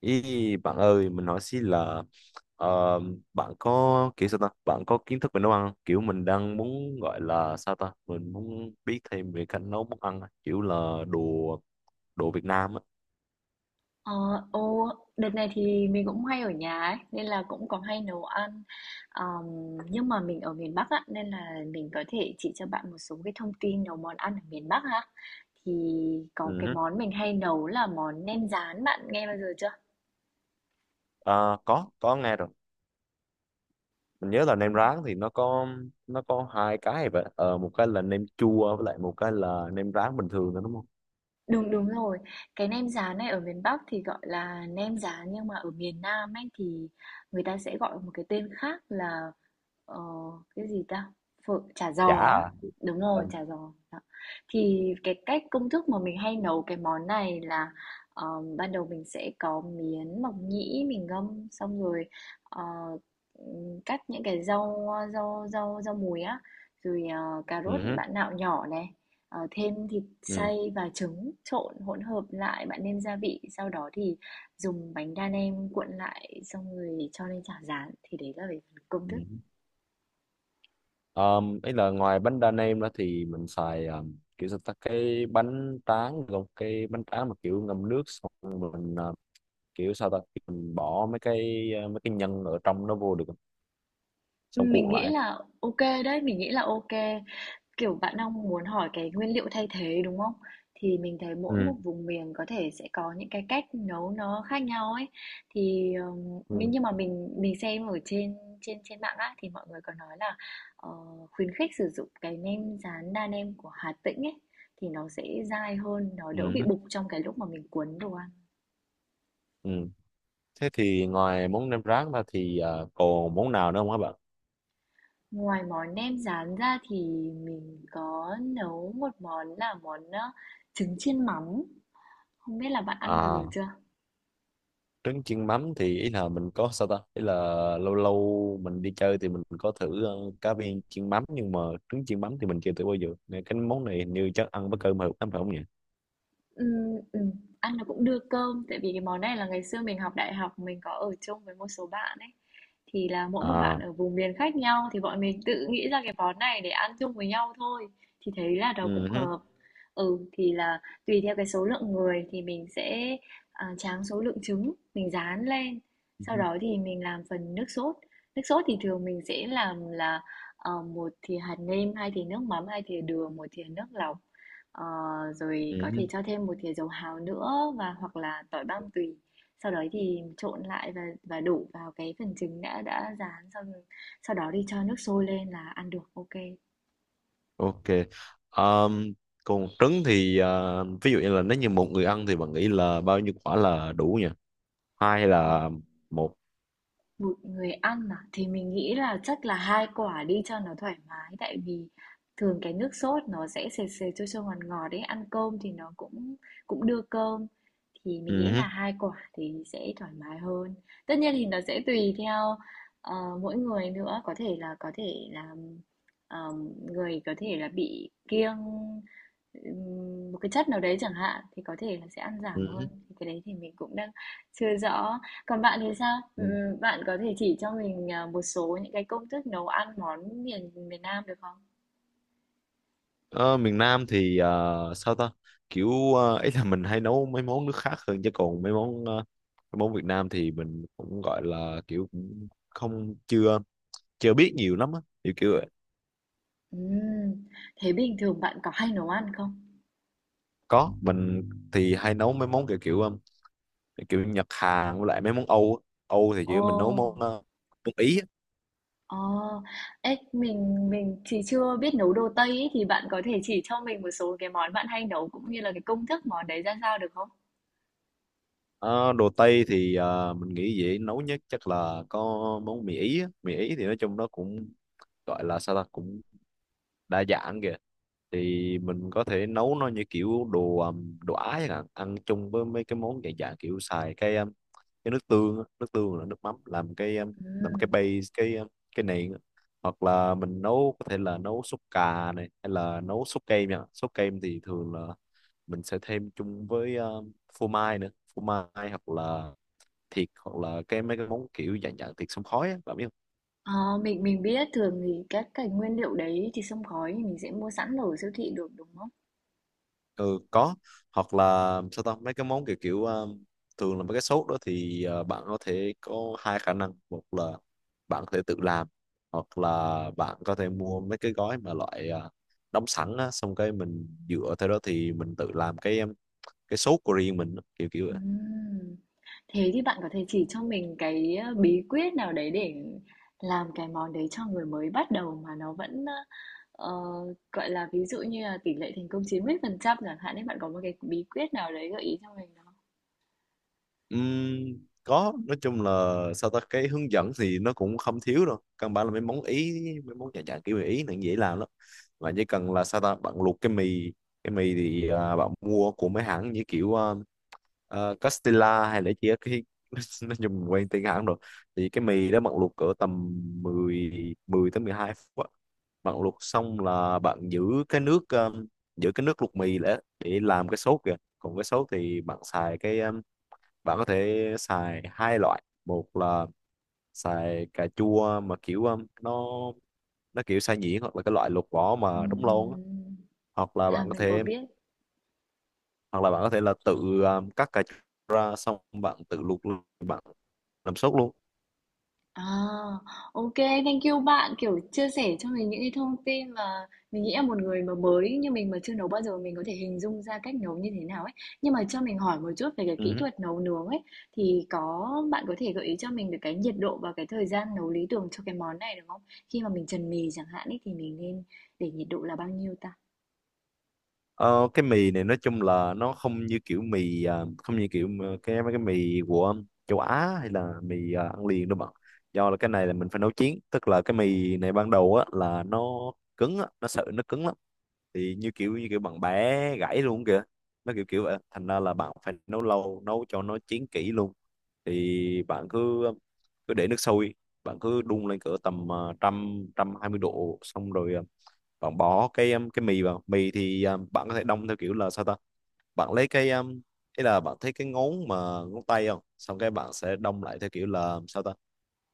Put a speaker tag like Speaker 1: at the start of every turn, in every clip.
Speaker 1: Ý, bạn ơi, mình hỏi xí là ờ, bạn có kiểu sao ta? Bạn có kiến thức về nấu ăn không? Kiểu mình đang muốn gọi là sao ta? Mình muốn biết thêm về cách nấu món ăn, á, kiểu là đồ đồ Việt Nam á.
Speaker 2: Ờ, ô, đợt này thì mình cũng hay ở nhà ấy, nên là cũng có hay nấu ăn. Ờm, nhưng mà mình ở miền Bắc á, nên là mình có thể chỉ cho bạn một số cái thông tin nấu món ăn ở miền Bắc ha. Thì có
Speaker 1: Ừ
Speaker 2: cái
Speaker 1: hứ.
Speaker 2: món mình hay nấu là món nem rán, bạn nghe bao giờ chưa?
Speaker 1: Ờ, có nghe rồi. Mình nhớ là nem rán thì nó có hai cái vậy. Ờ, một cái là nem chua với lại một cái là nem rán bình thường đó đúng không?
Speaker 2: Đúng, đúng rồi. Cái nem rán này ở miền Bắc thì gọi là nem rán, nhưng mà ở miền Nam ấy thì người ta sẽ gọi một cái tên khác là, ờ, cái gì ta? Phở chả
Speaker 1: Chả
Speaker 2: giò á.
Speaker 1: à?
Speaker 2: Đúng
Speaker 1: Ờ.
Speaker 2: rồi, chả giò. Đó. Thì cái cách công thức mà mình hay nấu cái món này là, ờ, ban đầu mình sẽ có miến mộc nhĩ mình ngâm, xong rồi, ờ, cắt những cái rau, rau rau rau mùi á, rồi, cà rốt
Speaker 1: Ừ hứ,
Speaker 2: bạn nạo nhỏ này, thêm thịt
Speaker 1: ừ,
Speaker 2: xay và trứng trộn hỗn hợp lại, bạn nêm gia vị, sau đó thì dùng bánh đa nem cuộn lại xong rồi cho lên chảo rán thì đấy là về phần công
Speaker 1: ừ.
Speaker 2: thức.
Speaker 1: Ý là ngoài bánh đa nem đó thì mình xài kiểu sao ta cái bánh tráng, gồm cái bánh tráng mà kiểu ngâm nước xong rồi mình kiểu sao ta mình bỏ mấy cái mấy cái nhân ở trong nó vô được không? Xong
Speaker 2: Mình
Speaker 1: cuộn
Speaker 2: nghĩ
Speaker 1: lại.
Speaker 2: là ok đấy, mình nghĩ là ok. Kiểu, bạn đang muốn hỏi cái nguyên liệu thay thế, đúng không? Thì mình thấy mỗi một
Speaker 1: Ừ.
Speaker 2: vùng miền có thể sẽ có những cái cách nấu nó khác nhau ấy. Thì, mình
Speaker 1: Ừ.
Speaker 2: nhưng mà mình mình xem ở trên trên trên mạng á, thì mọi người có nói là, ờ, khuyến khích sử dụng cái nem rán đa nem của Hà Tĩnh ấy, thì nó sẽ dai hơn, nó đỡ
Speaker 1: Ừ.
Speaker 2: bị bục trong cái lúc mà mình cuốn đồ ăn.
Speaker 1: Ừ. Thế thì ngoài món nem rán ra thì còn món nào nữa không các bạn?
Speaker 2: Ngoài món nem rán ra thì mình có nấu một món là món, trứng chiên mắm, không biết là bạn ăn bao giờ
Speaker 1: À,
Speaker 2: chưa?
Speaker 1: trứng chiên mắm thì ý là mình có sao ta, ý là lâu lâu mình đi chơi thì mình có thử cá viên chiên mắm, nhưng mà trứng chiên mắm thì mình chưa thử bao giờ, nên cái món này hình như chắc ăn với cơm hợp lắm phải không nhỉ?
Speaker 2: Ừm, ừm, Ăn nó cũng đưa cơm, tại vì cái món này là ngày xưa mình học đại học mình có ở chung với một số bạn ấy. Thì là mỗi một bạn
Speaker 1: À.
Speaker 2: ở vùng miền khác nhau thì bọn mình tự nghĩ ra cái món này để ăn chung với nhau thôi. Thì thấy là nó
Speaker 1: Ừ
Speaker 2: cũng
Speaker 1: hứ,
Speaker 2: hợp. Ừ, thì là tùy theo cái số lượng người thì mình sẽ tráng số lượng trứng, mình rán lên.
Speaker 1: ừ
Speaker 2: Sau
Speaker 1: hứ,
Speaker 2: đó thì mình làm phần nước sốt. Nước sốt thì thường mình sẽ làm là một thìa hạt nêm, hai thìa nước mắm, hai thìa đường, một thìa nước lọc. Ờ, Rồi
Speaker 1: ừ
Speaker 2: có
Speaker 1: hứ.
Speaker 2: thể cho thêm một thìa dầu hào nữa và hoặc là tỏi băm tùy. Sau đấy thì trộn lại và đổ vào cái phần trứng đã rán xong, sau đó đi cho nước sôi lên là ăn được ok.
Speaker 1: Ok. Ờm, Còn trứng thì ví dụ như là nếu như một người ăn thì bạn nghĩ là bao nhiêu quả là đủ nhỉ? Hai hay
Speaker 2: Ừ.
Speaker 1: là một?
Speaker 2: 1 người ăn à? Thì mình nghĩ là chắc là 2 quả đi cho nó thoải mái, tại vì thường cái nước sốt nó sẽ sệt sệt, chua chua, ngọt ngọt đấy, ăn cơm thì nó cũng cũng đưa cơm. Thì mình
Speaker 1: Ừ
Speaker 2: nghĩ
Speaker 1: hứ,
Speaker 2: là 2 quả thì sẽ thoải mái hơn. Tất nhiên thì nó sẽ tùy theo, ờ, mỗi người nữa, có thể là người có thể là bị kiêng một cái chất nào đấy chẳng hạn, thì có thể là sẽ ăn giảm
Speaker 1: ừ hứ.
Speaker 2: hơn. Thì cái đấy thì mình cũng đang chưa rõ. Còn bạn thì sao? Bạn có thể chỉ cho mình, một số những cái công thức nấu ăn món miền miền Nam được không?
Speaker 1: Ờ, miền Nam thì sao ta, kiểu ý là mình hay nấu mấy món nước khác hơn, chứ còn mấy món mấy món Việt Nam thì mình cũng gọi là kiểu cũng không, chưa chưa biết nhiều lắm á, kiểu kiểu vậy.
Speaker 2: Ừm, thế bình thường bạn có hay nấu ăn không?
Speaker 1: Có, mình thì hay nấu mấy món kiểu kiểu kiểu Nhật Hàn, với lại mấy món Âu á. Âu thì
Speaker 2: Ồ,
Speaker 1: chỉ mình nấu món món Ý á.
Speaker 2: ồ, ấy, mình thì chưa biết nấu đồ Tây ấy, thì bạn có thể chỉ cho mình một số cái món bạn hay nấu cũng như là cái công thức món đấy ra sao được không?
Speaker 1: Ờ, đồ Tây thì mình nghĩ dễ nấu nhất chắc là có món mì Ý á. Mì Ý thì nói chung nó cũng, gọi là sao ta, cũng đa dạng kìa. Thì mình có thể nấu nó như kiểu đồ đồ Á chẳng hạn, ăn chung với mấy cái món dạng dạng kiểu, xài cái nước tương á, nước tương là nước mắm làm cái làm
Speaker 2: Ừm.
Speaker 1: cái base, cái nền á. Hoặc là mình nấu, có thể là nấu súp cà này, hay là nấu súp kem nha. Súp kem thì thường là mình sẽ thêm chung với phô mai nữa, phô mai hoặc là thịt, hoặc là cái mấy cái món kiểu dạng dạng thịt xông khói á, bạn biết.
Speaker 2: Ờ, mình biết thường thì các cái nguyên liệu đấy thì xông khói thì mình sẽ mua sẵn ở siêu thị được, đúng không?
Speaker 1: Ừ, có. Hoặc là sao ta, mấy cái món kiểu kiểu thường là mấy cái sốt đó thì bạn có thể có hai khả năng: một là bạn có thể tự làm, hoặc là bạn có thể mua mấy cái gói mà loại đóng sẵn á, xong cái mình dựa theo đó thì mình tự làm cái sốt của riêng mình á, kiểu kiểu.
Speaker 2: Ừm. Thế thì bạn có thể chỉ cho mình cái, bí quyết nào đấy để làm cái món đấy cho người mới bắt đầu mà nó vẫn, ờ, gọi là, ví dụ như là tỷ lệ thành công 90% chẳng hạn ấy, bạn có một cái bí quyết nào đấy gợi ý cho mình không?
Speaker 1: Ừm, có, nói chung là sao ta, cái hướng dẫn thì nó cũng không thiếu đâu, căn bản là mấy món ý, mấy món nhà dạng kiểu người ý này dễ làm lắm. Bạn chỉ cần là sao ta, bạn luộc cái mì. Cái mì thì bạn mua của mấy hãng như kiểu Castilla, hay là chỉ cái nó dùng quen tên hãng rồi. Thì cái mì đó bạn luộc cỡ tầm 10 10 tới 12 phút á. Bạn luộc xong là bạn giữ cái nước, giữ cái nước luộc mì để làm cái sốt kìa. Còn cái sốt thì bạn xài cái, bạn có thể xài hai loại: một là xài cà chua mà kiểu nó kiểu xay nhuyễn, hoặc là cái loại lột vỏ mà
Speaker 2: Ừm,
Speaker 1: đóng lon á.
Speaker 2: ừm.
Speaker 1: hoặc là
Speaker 2: À,
Speaker 1: bạn có
Speaker 2: mình có
Speaker 1: thể
Speaker 2: biết.
Speaker 1: hoặc là bạn có thể là tự cắt cà chua ra, xong bạn tự luộc luôn, bạn làm sốt luôn.
Speaker 2: À, ô kê, thank you bạn, kiểu, chia sẻ cho mình những cái thông tin mà mình nghĩ là một người mà mới như mình mà chưa nấu bao giờ mình có thể hình dung ra cách nấu như thế nào ấy. Nhưng mà cho mình hỏi một chút về cái kỹ
Speaker 1: Ừ.
Speaker 2: thuật nấu nướng ấy, thì có bạn có thể gợi ý cho mình được cái nhiệt độ và cái thời gian nấu lý tưởng cho cái món này được không? Khi mà mình trần mì chẳng hạn ấy, thì mình nên để nhiệt độ là bao nhiêu ta?
Speaker 1: Ờ, cái mì này nói chung là nó không như kiểu mì, không như kiểu mà cái mấy cái mì của châu Á, hay là mì ăn liền đâu bạn, do là cái này là mình phải nấu chín, tức là cái mì này ban đầu á là nó cứng á, nó sợi nó cứng lắm, thì như kiểu bạn bé gãy luôn kìa, nó kiểu kiểu vậy, thành ra là bạn phải nấu lâu, nấu cho nó chín kỹ luôn. Thì bạn cứ cứ để nước sôi, bạn cứ đun lên cỡ tầm 120 độ, xong rồi bạn bỏ cái mì vào. Mì thì bạn có thể đông theo kiểu là sao ta, bạn lấy cái, ý là bạn thấy cái ngón mà ngón tay không, xong cái bạn sẽ đông lại theo kiểu là sao ta.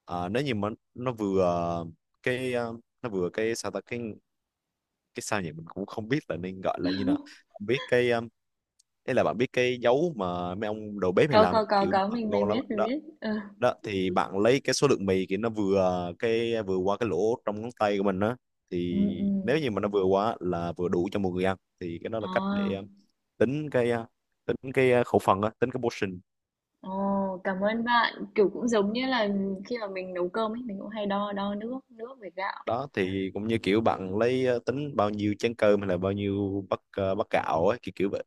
Speaker 1: À, nếu như mà nó vừa cái, nó vừa cái sao ta, cái sao nhỉ, mình cũng không biết là nên gọi là như nào, không biết cái, đấy là bạn biết cái dấu mà mấy ông đầu bếp hay làm không? Kiểu
Speaker 2: Có,
Speaker 1: mà
Speaker 2: mình
Speaker 1: ngon lắm á.
Speaker 2: biết, mình
Speaker 1: Đó,
Speaker 2: biết. Ừ,
Speaker 1: đó thì bạn lấy cái số lượng mì kiểu nó vừa cái, vừa qua cái lỗ trong ngón tay của mình á.
Speaker 2: ừ,
Speaker 1: Thì
Speaker 2: ừ.
Speaker 1: nếu như mà nó vừa quá, là vừa đủ cho một người ăn, thì cái đó là cách để
Speaker 2: À.
Speaker 1: tính cái khẩu phần á, tính cái portion.
Speaker 2: Ồ, cảm ơn bạn. Kiểu cũng giống như là khi mà mình nấu cơm ấy, mình cũng hay đo đo nước, nước với gạo.
Speaker 1: Đó thì cũng như kiểu bạn lấy tính bao nhiêu chén cơm hay là bao nhiêu bát bát gạo ấy, kiểu kiểu vậy.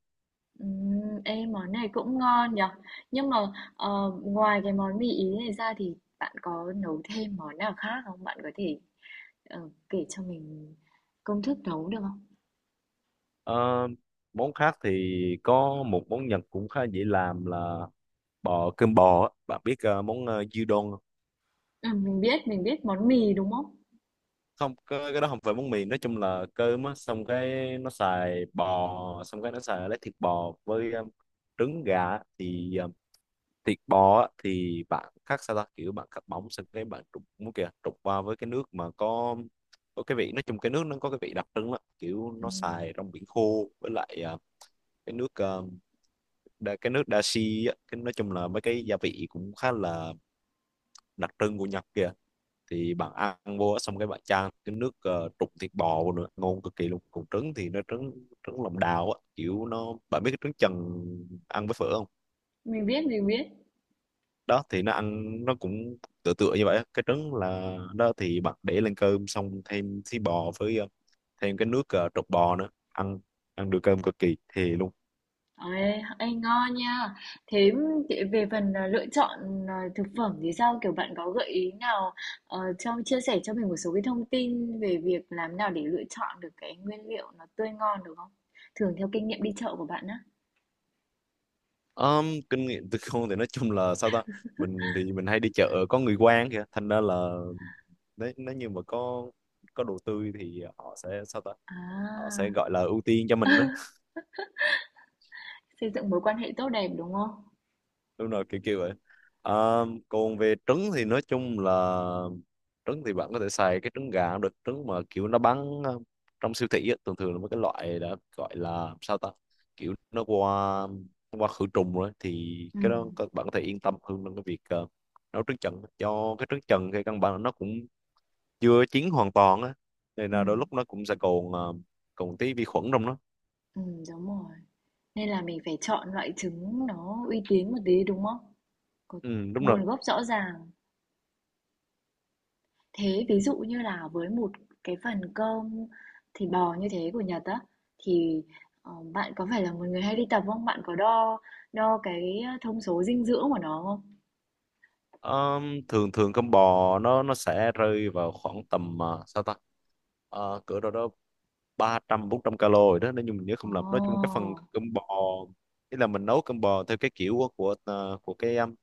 Speaker 2: Ê, món này cũng ngon nhở. Nhưng mà ngoài cái món mì Ý này ra thì bạn có nấu thêm món nào khác không? Bạn có thể kể cho mình công thức nấu được không?
Speaker 1: Ờ, món khác thì có một món Nhật cũng khá dễ làm là cơm bò á. Bạn biết món gyudon không?
Speaker 2: Ừ, mình biết món mì đúng không?
Speaker 1: Không, cái đó không phải món mì, nói chung là cơm á, xong cái nó xài bò, xong cái nó xài lấy thịt bò với trứng gà á. Thì thịt bò á, thì bạn cắt sao ta, kiểu bạn cắt bóng, xong cái bạn trụng muốn kìa, trụng qua với cái nước mà có cái vị, nói chung cái nước nó có cái vị đặc trưng đó, kiểu nó
Speaker 2: Ừm,
Speaker 1: xài rong biển khô với lại cái nước cái nước dashi á, cái nói chung là mấy cái gia vị cũng khá là đặc trưng của Nhật kìa. Thì bạn ăn vô á, xong cái bạn chan cái nước trụng thịt bò vô nữa, ngon cực kỳ luôn. Còn trứng thì nó trứng trứng lòng đào á, kiểu nó, bạn biết cái trứng chần ăn với phở không?
Speaker 2: mình biết, mình biết.
Speaker 1: Đó thì nó ăn nó cũng tựa tựa như vậy á. Cái trứng là đó, thì bạn để lên cơm xong thêm thí bò với thêm cái nước trụng bò nữa, ăn ăn được cơm cực kỳ thì.
Speaker 2: Ê, ê, ngon nha. Thế về phần lựa chọn thực phẩm thì sao? Kiểu bạn có gợi ý nào cho chia sẻ cho mình một số cái thông tin về việc làm nào để lựa chọn được cái nguyên liệu nó tươi ngon được không? Thường theo kinh nghiệm đi chợ của bạn á.
Speaker 1: Kinh nghiệm từ con thì nói chung là sao ta, mình thì mình hay đi chợ có người quen kìa, thành ra là nếu nếu như mà có đồ tươi thì họ sẽ sao ta, họ
Speaker 2: À,
Speaker 1: sẽ gọi là ưu tiên cho mình á.
Speaker 2: xây dựng mối quan hệ tốt đẹp đúng không?
Speaker 1: Đúng rồi, kiểu kiểu vậy. Ờ, còn về trứng thì nói chung là trứng thì bạn có thể xài cái trứng gà cũng được, trứng mà kiểu nó bán trong siêu thị á, thường thường là mấy cái loại đã gọi là sao ta, kiểu nó qua khử trùng rồi, thì
Speaker 2: Ừ,
Speaker 1: cái đó các bạn có thể yên tâm hơn trong cái việc nấu trứng trần. Cho cái trứng trần thì căn bản là nó cũng chưa chín hoàn toàn á, nên
Speaker 2: ừ,
Speaker 1: là đôi lúc nó cũng sẽ còn tí vi khuẩn trong nó.
Speaker 2: ừ, đúng rồi. Nên là mình phải chọn loại trứng nó uy tín một tí đúng không? Có
Speaker 1: Ừ, đúng rồi.
Speaker 2: nguồn gốc rõ ràng. Thế ví dụ như là với một cái phần cơm thịt bò như thế của Nhật á thì, bạn có phải là một người hay đi tập không? Bạn có đo đo cái thông số dinh dưỡng của nó không?
Speaker 1: Thường thường con bò nó sẽ rơi vào khoảng tầm sao ta, ờ, cỡ đâu đó 300-400 calo rồi đó, nếu như mình nhớ
Speaker 2: Ồ!
Speaker 1: không lầm. Nói chung cái phần cơm bò, ý là mình nấu cơm bò theo cái kiểu của cái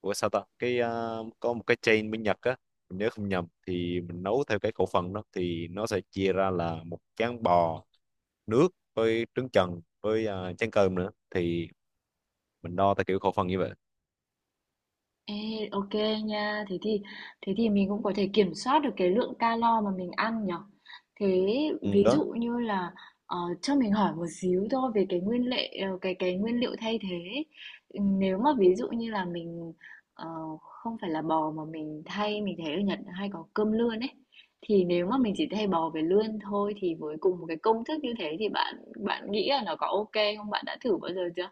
Speaker 1: của sao ta, cái có một cái chain bên Nhật á, mình nhớ không nhầm thì mình nấu theo cái khẩu phần đó, thì nó sẽ chia ra là một chén bò nước với trứng chần với chén cơm nữa, thì mình đo theo kiểu khẩu phần như vậy.
Speaker 2: Ê, ok nha, thế thì mình cũng có thể kiểm soát được cái lượng calo mà mình ăn nhở. Thế
Speaker 1: Ừ,
Speaker 2: ví
Speaker 1: đó.
Speaker 2: dụ như là cho mình hỏi một xíu thôi về cái nguyên liệu cái nguyên liệu thay thế ấy. Nếu mà ví dụ như là mình ờ, không phải là bò mà mình thay, mình thấy ở Nhật hay có cơm lươn ấy, thì nếu mà
Speaker 1: Ừ.
Speaker 2: mình chỉ thay bò với lươn thôi thì với cùng một cái công thức như thế thì bạn bạn nghĩ là nó có ok không, bạn đã thử bao giờ chưa?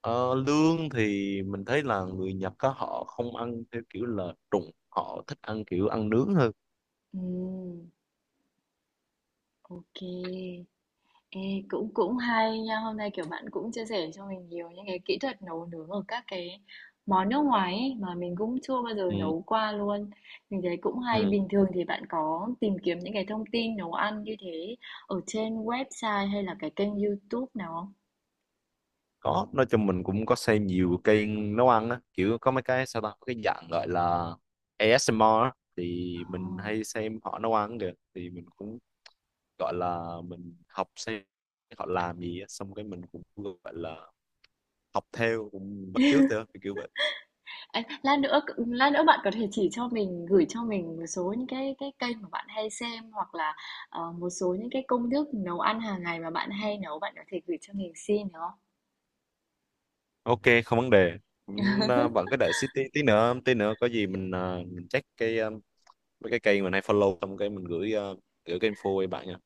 Speaker 1: Ờ, lương thì mình thấy là người Nhật á họ không ăn theo kiểu là trụng, họ thích ăn kiểu ăn nướng hơn.
Speaker 2: Ừm, ok. Ê, cũng cũng hay nha, hôm nay kiểu bạn cũng chia sẻ cho mình nhiều những cái kỹ thuật nấu nướng ở các cái món nước ngoài ấy, mà mình cũng chưa bao giờ
Speaker 1: Ừ,
Speaker 2: nấu qua luôn. Mình thấy cũng hay,
Speaker 1: ừ.
Speaker 2: bình thường thì bạn có tìm kiếm những cái thông tin nấu ăn như thế ở trên website hay là cái kênh YouTube nào không?
Speaker 1: Có, nói chung mình cũng có xem nhiều kênh nấu ăn á, kiểu có mấy cái sao ta, có cái dạng gọi là ASMR á, thì mình
Speaker 2: Ồ.
Speaker 1: hay xem họ nấu ăn kìa, thì mình cũng gọi là mình học, xem họ làm gì á, xong cái mình cũng gọi là học theo, cũng bắt chước theo kiểu vậy.
Speaker 2: Ê, lát nữa bạn có thể chỉ cho mình, gửi cho mình một số những cái kênh mà bạn hay xem, hoặc là một số những cái công thức nấu ăn hàng ngày mà bạn hay nấu, bạn có thể gửi cho mình xin được không?
Speaker 1: Ok, không vấn đề. Cũng, bạn cứ đợi xí tí, tí nữa có gì mình check cái mấy cái kênh mình hay follow, xong cái mình gửi cái info cho bạn nha.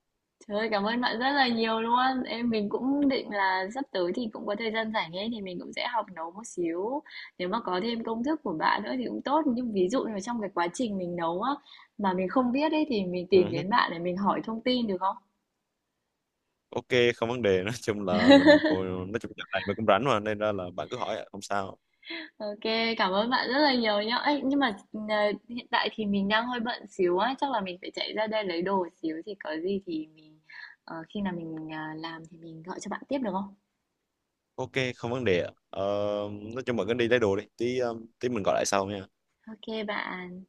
Speaker 2: Trời ơi, cảm ơn bạn rất là nhiều luôn. Em mình cũng định là sắp tới thì cũng có thời gian rảnh ấy thì mình cũng sẽ học nấu một xíu. Nếu mà có thêm công thức của bạn nữa thì cũng tốt. Nhưng ví dụ như là trong cái quá trình mình nấu á mà mình không biết ấy thì mình
Speaker 1: Ừ,
Speaker 2: tìm
Speaker 1: hứ.
Speaker 2: đến bạn để mình hỏi thông tin được không?
Speaker 1: Ok, không vấn đề, nói chung là mình cô, nói chung là này mình cũng rảnh mà, nên ra là bạn cứ hỏi ạ, không sao.
Speaker 2: Ok, cảm ơn bạn rất là nhiều nhá. Ấy, nhưng mà hiện tại thì mình đang hơi bận xíu á, chắc là mình phải chạy ra đây lấy đồ xíu thì có gì thì mình ờ, khi nào mình ờ, làm thì mình gọi cho bạn tiếp được không?
Speaker 1: Ok, không vấn đề ạ. Ờ, nói chung bạn cứ đi lấy đồ đi, tí ờ, tí mình gọi lại sau nha.
Speaker 2: Ok bạn.